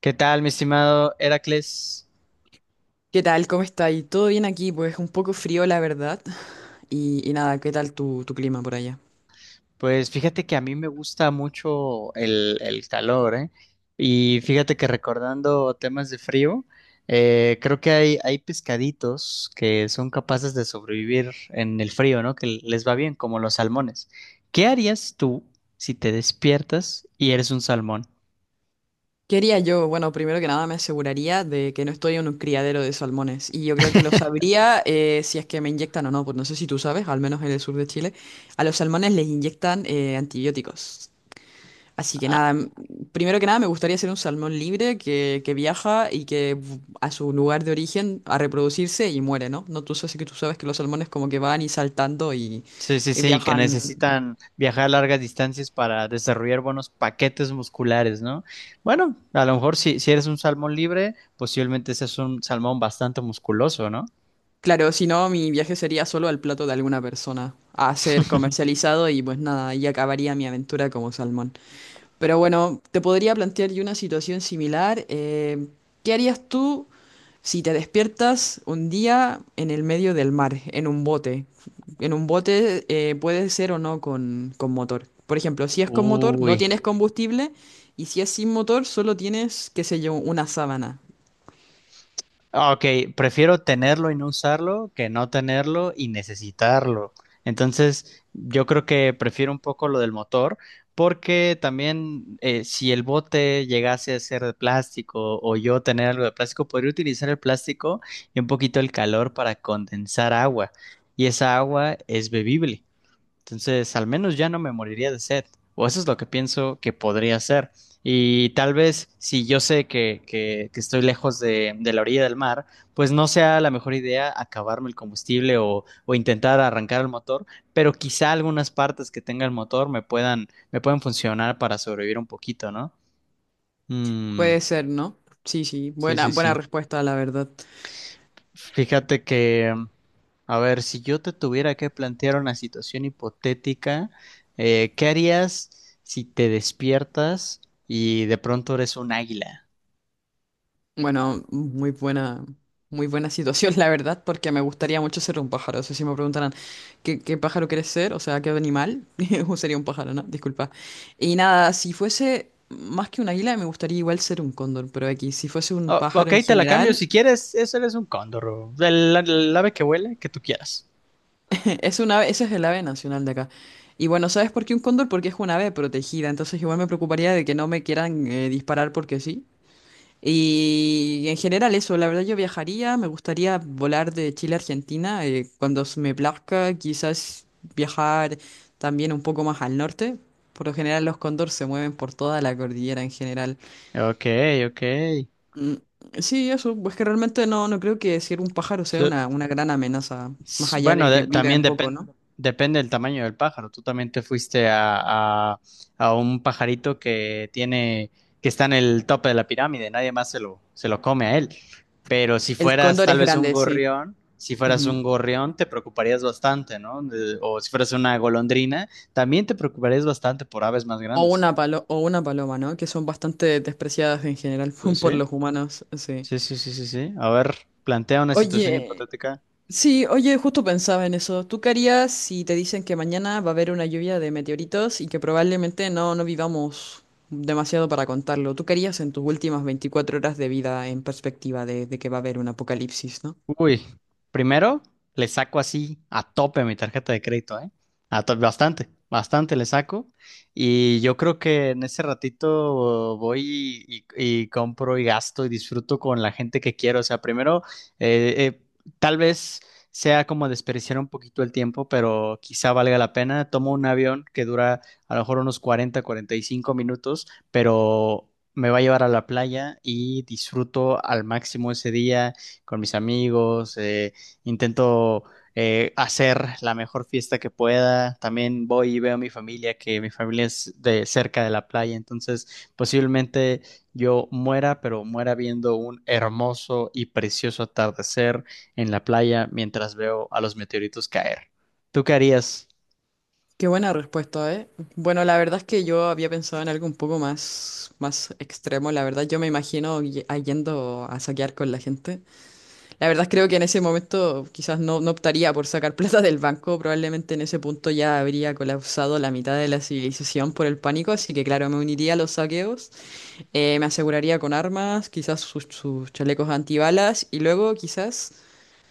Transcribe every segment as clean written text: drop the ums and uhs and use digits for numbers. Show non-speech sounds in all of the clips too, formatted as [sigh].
¿Qué tal, mi estimado Heracles? ¿Qué tal? ¿Cómo está ahí? ¿Todo bien aquí? Pues un poco frío, la verdad. Y nada, ¿qué tal tu clima por allá? Pues fíjate que a mí me gusta mucho el calor, ¿eh? Y fíjate que recordando temas de frío, creo que hay pescaditos que son capaces de sobrevivir en el frío, ¿no? Que les va bien, como los salmones. ¿Qué harías tú si te despiertas y eres un salmón? ¿Qué haría yo? Bueno, primero que nada me aseguraría de que no estoy en un criadero de salmones. Y yo creo que lo sabría, si es que me inyectan o no. Pues no sé si tú sabes, al menos en el sur de Chile, a los salmones les inyectan, antibióticos. Así que nada, primero que nada me gustaría ser un salmón libre que viaja y que a su lugar de origen a reproducirse y muere, ¿no? No, tú sabes que los salmones como que van y saltando Sí, sí, y sí, que viajan. necesitan viajar largas distancias para desarrollar buenos paquetes musculares, ¿no? Bueno, a lo mejor si eres un salmón libre, posiblemente seas un salmón bastante musculoso, ¿no? Claro, si no, mi viaje sería solo al plato de alguna persona a ser comercializado y pues nada, ahí acabaría mi aventura como salmón. Pero bueno, te podría plantear yo una situación similar. ¿Qué harías tú si te despiertas un día en el medio del mar, en un bote? En un bote, puede ser o no con motor. Por ejemplo, si es con motor, no Uy. tienes combustible, y si es sin motor, solo tienes, qué sé yo, una sábana. Ah, ok, prefiero tenerlo y no usarlo que no tenerlo y necesitarlo. Entonces, yo creo que prefiero un poco lo del motor, porque también si el bote llegase a ser de plástico o yo tener algo de plástico, podría utilizar el plástico y un poquito el calor para condensar agua. Y esa agua es bebible. Entonces, al menos ya no me moriría de sed. O eso es lo que pienso que podría ser. Y tal vez si yo sé que estoy lejos de la orilla del mar, pues no sea la mejor idea acabarme el combustible o intentar arrancar el motor, pero quizá algunas partes que tenga el motor me puedan funcionar para sobrevivir un poquito, ¿no? Mm, Puede ser, ¿no? Sí, sí, sí, buena, sí, buena sí. respuesta, la verdad. Fíjate que, a ver, si yo te tuviera que plantear una situación hipotética, ¿qué harías si te despiertas y de pronto eres un águila? Bueno, muy buena situación, [laughs] la verdad, porque me gustaría mucho ser un pájaro. O sea, si me preguntaran qué, qué pájaro quieres ser, o sea, qué animal, [laughs] sería un pájaro, ¿no? Disculpa. Y nada, si fuese más que un águila, me gustaría igual ser un cóndor, pero aquí, si fuese un Oh, pájaro ok, en te la cambio general, si quieres, eso eres un cóndor, o el ave que huele, que tú quieras. [laughs] es un ave, ese es el ave nacional de acá. Y bueno, ¿sabes por qué un cóndor? Porque es un ave protegida, entonces igual me preocuparía de que no me quieran, disparar porque sí. Y en general eso, la verdad yo viajaría, me gustaría volar de Chile a Argentina, cuando se me plazca, quizás viajar también un poco más al norte. Por lo general los cóndor se mueven por toda la cordillera en general. Ok, ok. Mm, sí, eso, pues que realmente no, no creo que decir un pájaro sea una gran amenaza, más allá Bueno, de que viva también un poco, ¿no? depende del tamaño del pájaro. Tú también te fuiste a un pajarito que está en el tope de la pirámide, nadie más se lo come a él. Pero si El fueras cóndor tal es vez un grande, sí. gorrión, si fueras Ujú. un gorrión, te preocuparías bastante, ¿no? De- o si fueras una golondrina, también te preocuparías bastante por aves más O grandes. una palo- o una paloma, ¿no? Que son bastante despreciadas en general Pues [laughs] por sí, los humanos, sí. sí, sí, sí, sí, sí. A ver, plantea una situación Oye, hipotética. sí, oye, justo pensaba en eso. ¿Tú qué harías si te dicen que mañana va a haber una lluvia de meteoritos y que probablemente no, no vivamos demasiado para contarlo? ¿Tú qué harías en tus últimas 24 horas de vida en perspectiva de que va a haber un apocalipsis, ¿no? Uy, primero le saco así a tope mi tarjeta de crédito, ¿eh? A tope, bastante, bastante le saco. Y yo creo que en ese ratito voy compro y gasto y disfruto con la gente que quiero. O sea, primero, eh, eh, tal vez sea como desperdiciar un poquito el tiempo, pero quizá valga la pena. Tomo un avión que dura a lo mejor unos 40, 45 minutos, pero... Me va a llevar a la playa y disfruto al máximo ese día con mis amigos, intento hacer la mejor fiesta que pueda. También voy y veo a mi familia, que mi familia es de cerca de la playa, entonces posiblemente yo muera, pero muera viendo un hermoso y precioso atardecer en la playa mientras veo a los meteoritos caer. ¿Tú qué harías? Qué buena respuesta, ¿eh? Bueno, la verdad es que yo había pensado en algo un poco más, más extremo. La verdad, yo me imagino a yendo a saquear con la gente. La verdad creo que en ese momento quizás no, no optaría por sacar [laughs] plata del banco, probablemente en ese punto ya habría colapsado la mitad de la civilización por el pánico, así que claro, me uniría a los saqueos, me aseguraría con armas, quizás sus chalecos antibalas y luego quizás,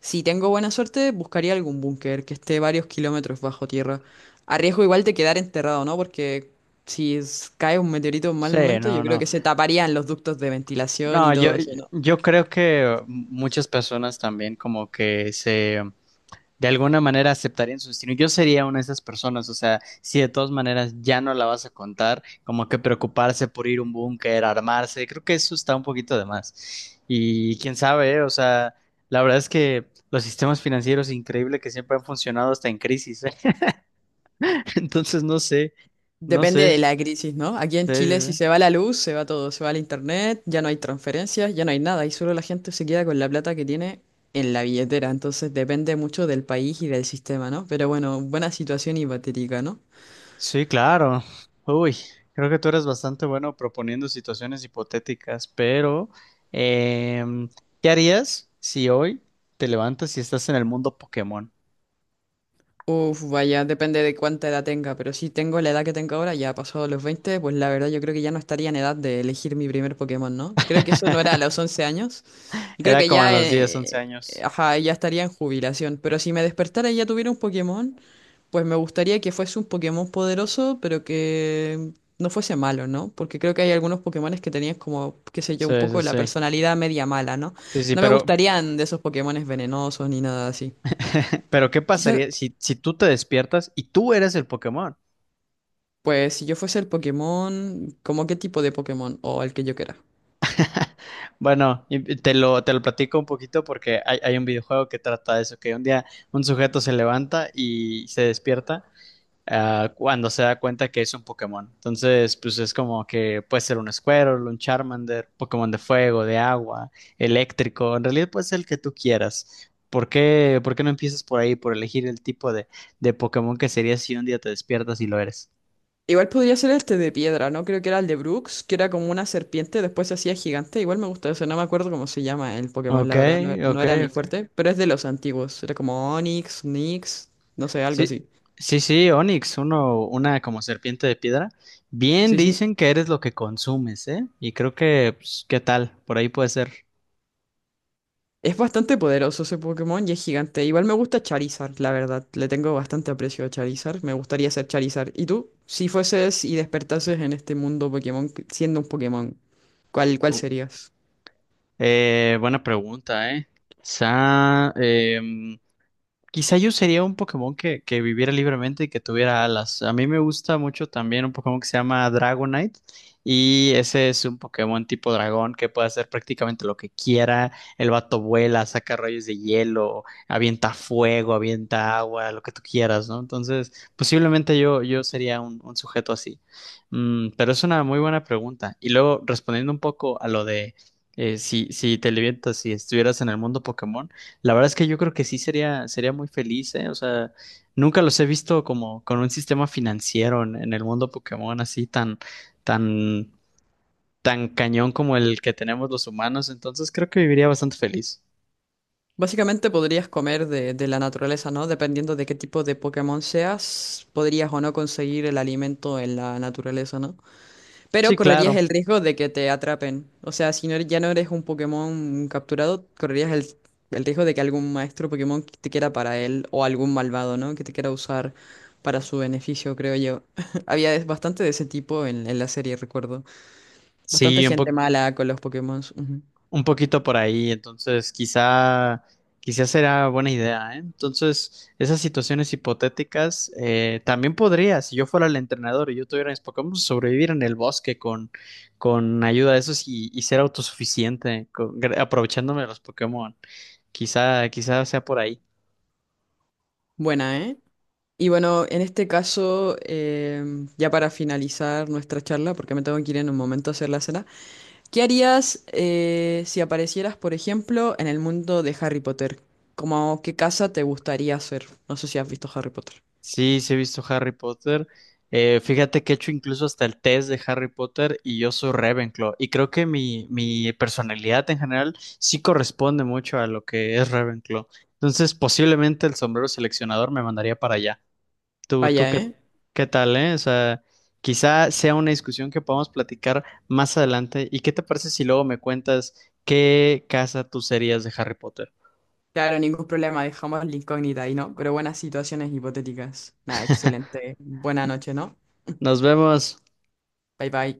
si tengo buena suerte, buscaría algún búnker que esté varios kilómetros bajo tierra. Arriesgo igual de quedar enterrado, ¿no? Porque si es- cae un meteorito en mal Sí, momento, yo no, creo no. que se taparían los ductos de ventilación y No, yo, todo eso, ¿no? yo creo que muchas personas también como que se de alguna manera aceptarían su destino. Yo sería una de esas personas, o sea, si de todas maneras ya no la vas a contar, como que preocuparse por ir a un búnker, armarse, creo que eso está un poquito de más. Y quién sabe, ¿eh? O sea, la verdad es que los sistemas financieros increíble que siempre han funcionado hasta en crisis, ¿eh? [laughs] Entonces no sé, no Depende sé. de Sí, la crisis, ¿no? Aquí en sí, Chile si sí. se va la luz, se va todo, se va el internet, ya no hay transferencias, ya no hay nada y solo la gente se queda con la plata que tiene en la billetera. Entonces depende mucho del país y del sistema, ¿no? Pero bueno, buena situación hipotética, ¿no? Sí, claro. Uy, creo que tú eres bastante bueno proponiendo situaciones hipotéticas, pero em, ¿qué harías si hoy te levantas y estás en el mundo Pokémon? Uf, vaya, depende de cuánta edad tenga, pero si tengo la edad que tengo ahora, ya pasado los 20, pues la verdad yo creo que ya no estaría en edad de elegir mi primer Pokémon, ¿no? Creo que eso no era a los 11 años y creo Era que como a ya, los diez, once años. ajá, ya estaría en jubilación, pero si me despertara y ya tuviera un Pokémon... Pues me gustaría que fuese un Pokémon poderoso, pero que no fuese malo, ¿no? Porque creo que hay algunos Pokémones que tenían como, qué sé yo, un Sí, poco sí, la sí. personalidad media mala, ¿no? Sí, sí, No me gustarían de esos Pokémones venenosos ni nada así. pero ¿qué Quizás, pasaría si, si tú te despiertas y tú eres el Pokémon? pues si yo fuese el Pokémon, ¿como qué tipo de Pokémon? O el que yo quiera. Bueno, y te lo platico un poquito porque hay un videojuego que trata de eso, que un día un sujeto se levanta y se despierta ah, cuando se da cuenta que es un Pokémon. Entonces, pues es como que puede ser un Squirtle, un Charmander, Pokémon de fuego, de agua, eléctrico. En realidad puede ser el que tú quieras. Por qué no empiezas por ahí, por elegir el tipo de Pokémon que sería si un día te despiertas y lo eres? Igual podría ser este de piedra, ¿no? Creo que era el de Brooks, que era como una serpiente, después se hacía gigante. Igual me gusta eso, no me acuerdo cómo se llama el Pokémon, Ok, la verdad, no, no ok, era mi ok. fuerte, pero es de los antiguos. Era como Onix, Nix, no sé, algo Sí, así. sí, sí, Onix, uno, una como serpiente de piedra. Bien Sí, sí. dicen que eres lo que consumes, ¿eh? Y creo que, pues, ¿qué tal? Por ahí puede ser. Es bastante poderoso ese Pokémon y es gigante. Igual me gusta Charizard, la verdad. Le tengo bastante aprecio a Charizard. Me gustaría ser Charizard. ¿Y tú? Si fueses y despertases en este mundo Pokémon, siendo un Pokémon, ¿cuál, cuál serías? Buena pregunta, ¿eh? Quizá em, quizá yo sería un Pokémon que viviera libremente y que tuviera alas. A mí me gusta mucho también un Pokémon que se llama Dragonite. Y ese es un Pokémon tipo dragón que puede hacer prácticamente lo que quiera. El vato vuela, saca rayos de hielo, avienta fuego, avienta agua, lo que tú quieras, ¿no? Entonces, posiblemente yo, yo sería un sujeto así. Mm, pero es una muy buena pregunta. Y luego, respondiendo un poco a lo de si, si te levantas, si estuvieras en el mundo Pokémon. La verdad es que yo creo que sí sería, sería muy feliz, ¿eh? O sea, nunca los he visto como con un sistema financiero en el mundo Pokémon así tan, tan, tan cañón como el que tenemos los humanos. Entonces creo que viviría bastante feliz. Básicamente podrías comer de la naturaleza, ¿no? Dependiendo de qué tipo de Pokémon seas, podrías o no conseguir el alimento en la naturaleza, ¿no? Pero Sí, correrías claro. el riesgo de que te atrapen. O sea, ya no eres un Pokémon capturado, correrías el riesgo de que algún maestro Pokémon que te quiera para él o algún malvado, ¿no? Que te quiera usar para su beneficio, creo yo. [laughs] Bastante de ese tipo en la serie, recuerdo. Bastante Sí, un gente poco. mala con los Pokémon. Un poquito por ahí, entonces quizá, quizá será buena idea, ¿eh? Entonces, esas situaciones hipotéticas también podría, si yo fuera el entrenador y yo tuviera mis Pokémon, sobrevivir en el bosque con ayuda de esos y ser autosuficiente, aprovechándome de los Pokémon. Quizá, quizá sea por ahí. Buena, ¿eh? Y bueno, en este caso, ya para finalizar nuestra charla, porque me tengo que ir en un momento a hacer la cena. ¿Qué harías, si aparecieras, por ejemplo, en el mundo de Harry Potter? ¿Cómo qué casa te gustaría ser? No sé si has visto Harry Potter. Sí, sí he visto Harry Potter. Fíjate que he hecho incluso hasta el test de Harry Potter y yo soy Ravenclaw. Y creo que mi personalidad en general sí corresponde mucho a lo que es Ravenclaw. Entonces, posiblemente el sombrero seleccionador me mandaría para allá. ¿Tú, tú Vaya, qué, ¿eh? qué tal, eh? O sea, quizá sea una discusión que podamos platicar más adelante. ¿Y qué te parece si luego me cuentas qué casa tú serías de Harry Potter? Claro, ningún problema, dejamos la incógnita ahí, ¿no? Pero buenas situaciones hipotéticas. Nada, excelente. Buena noche, ¿no? Nos vemos. Bye bye.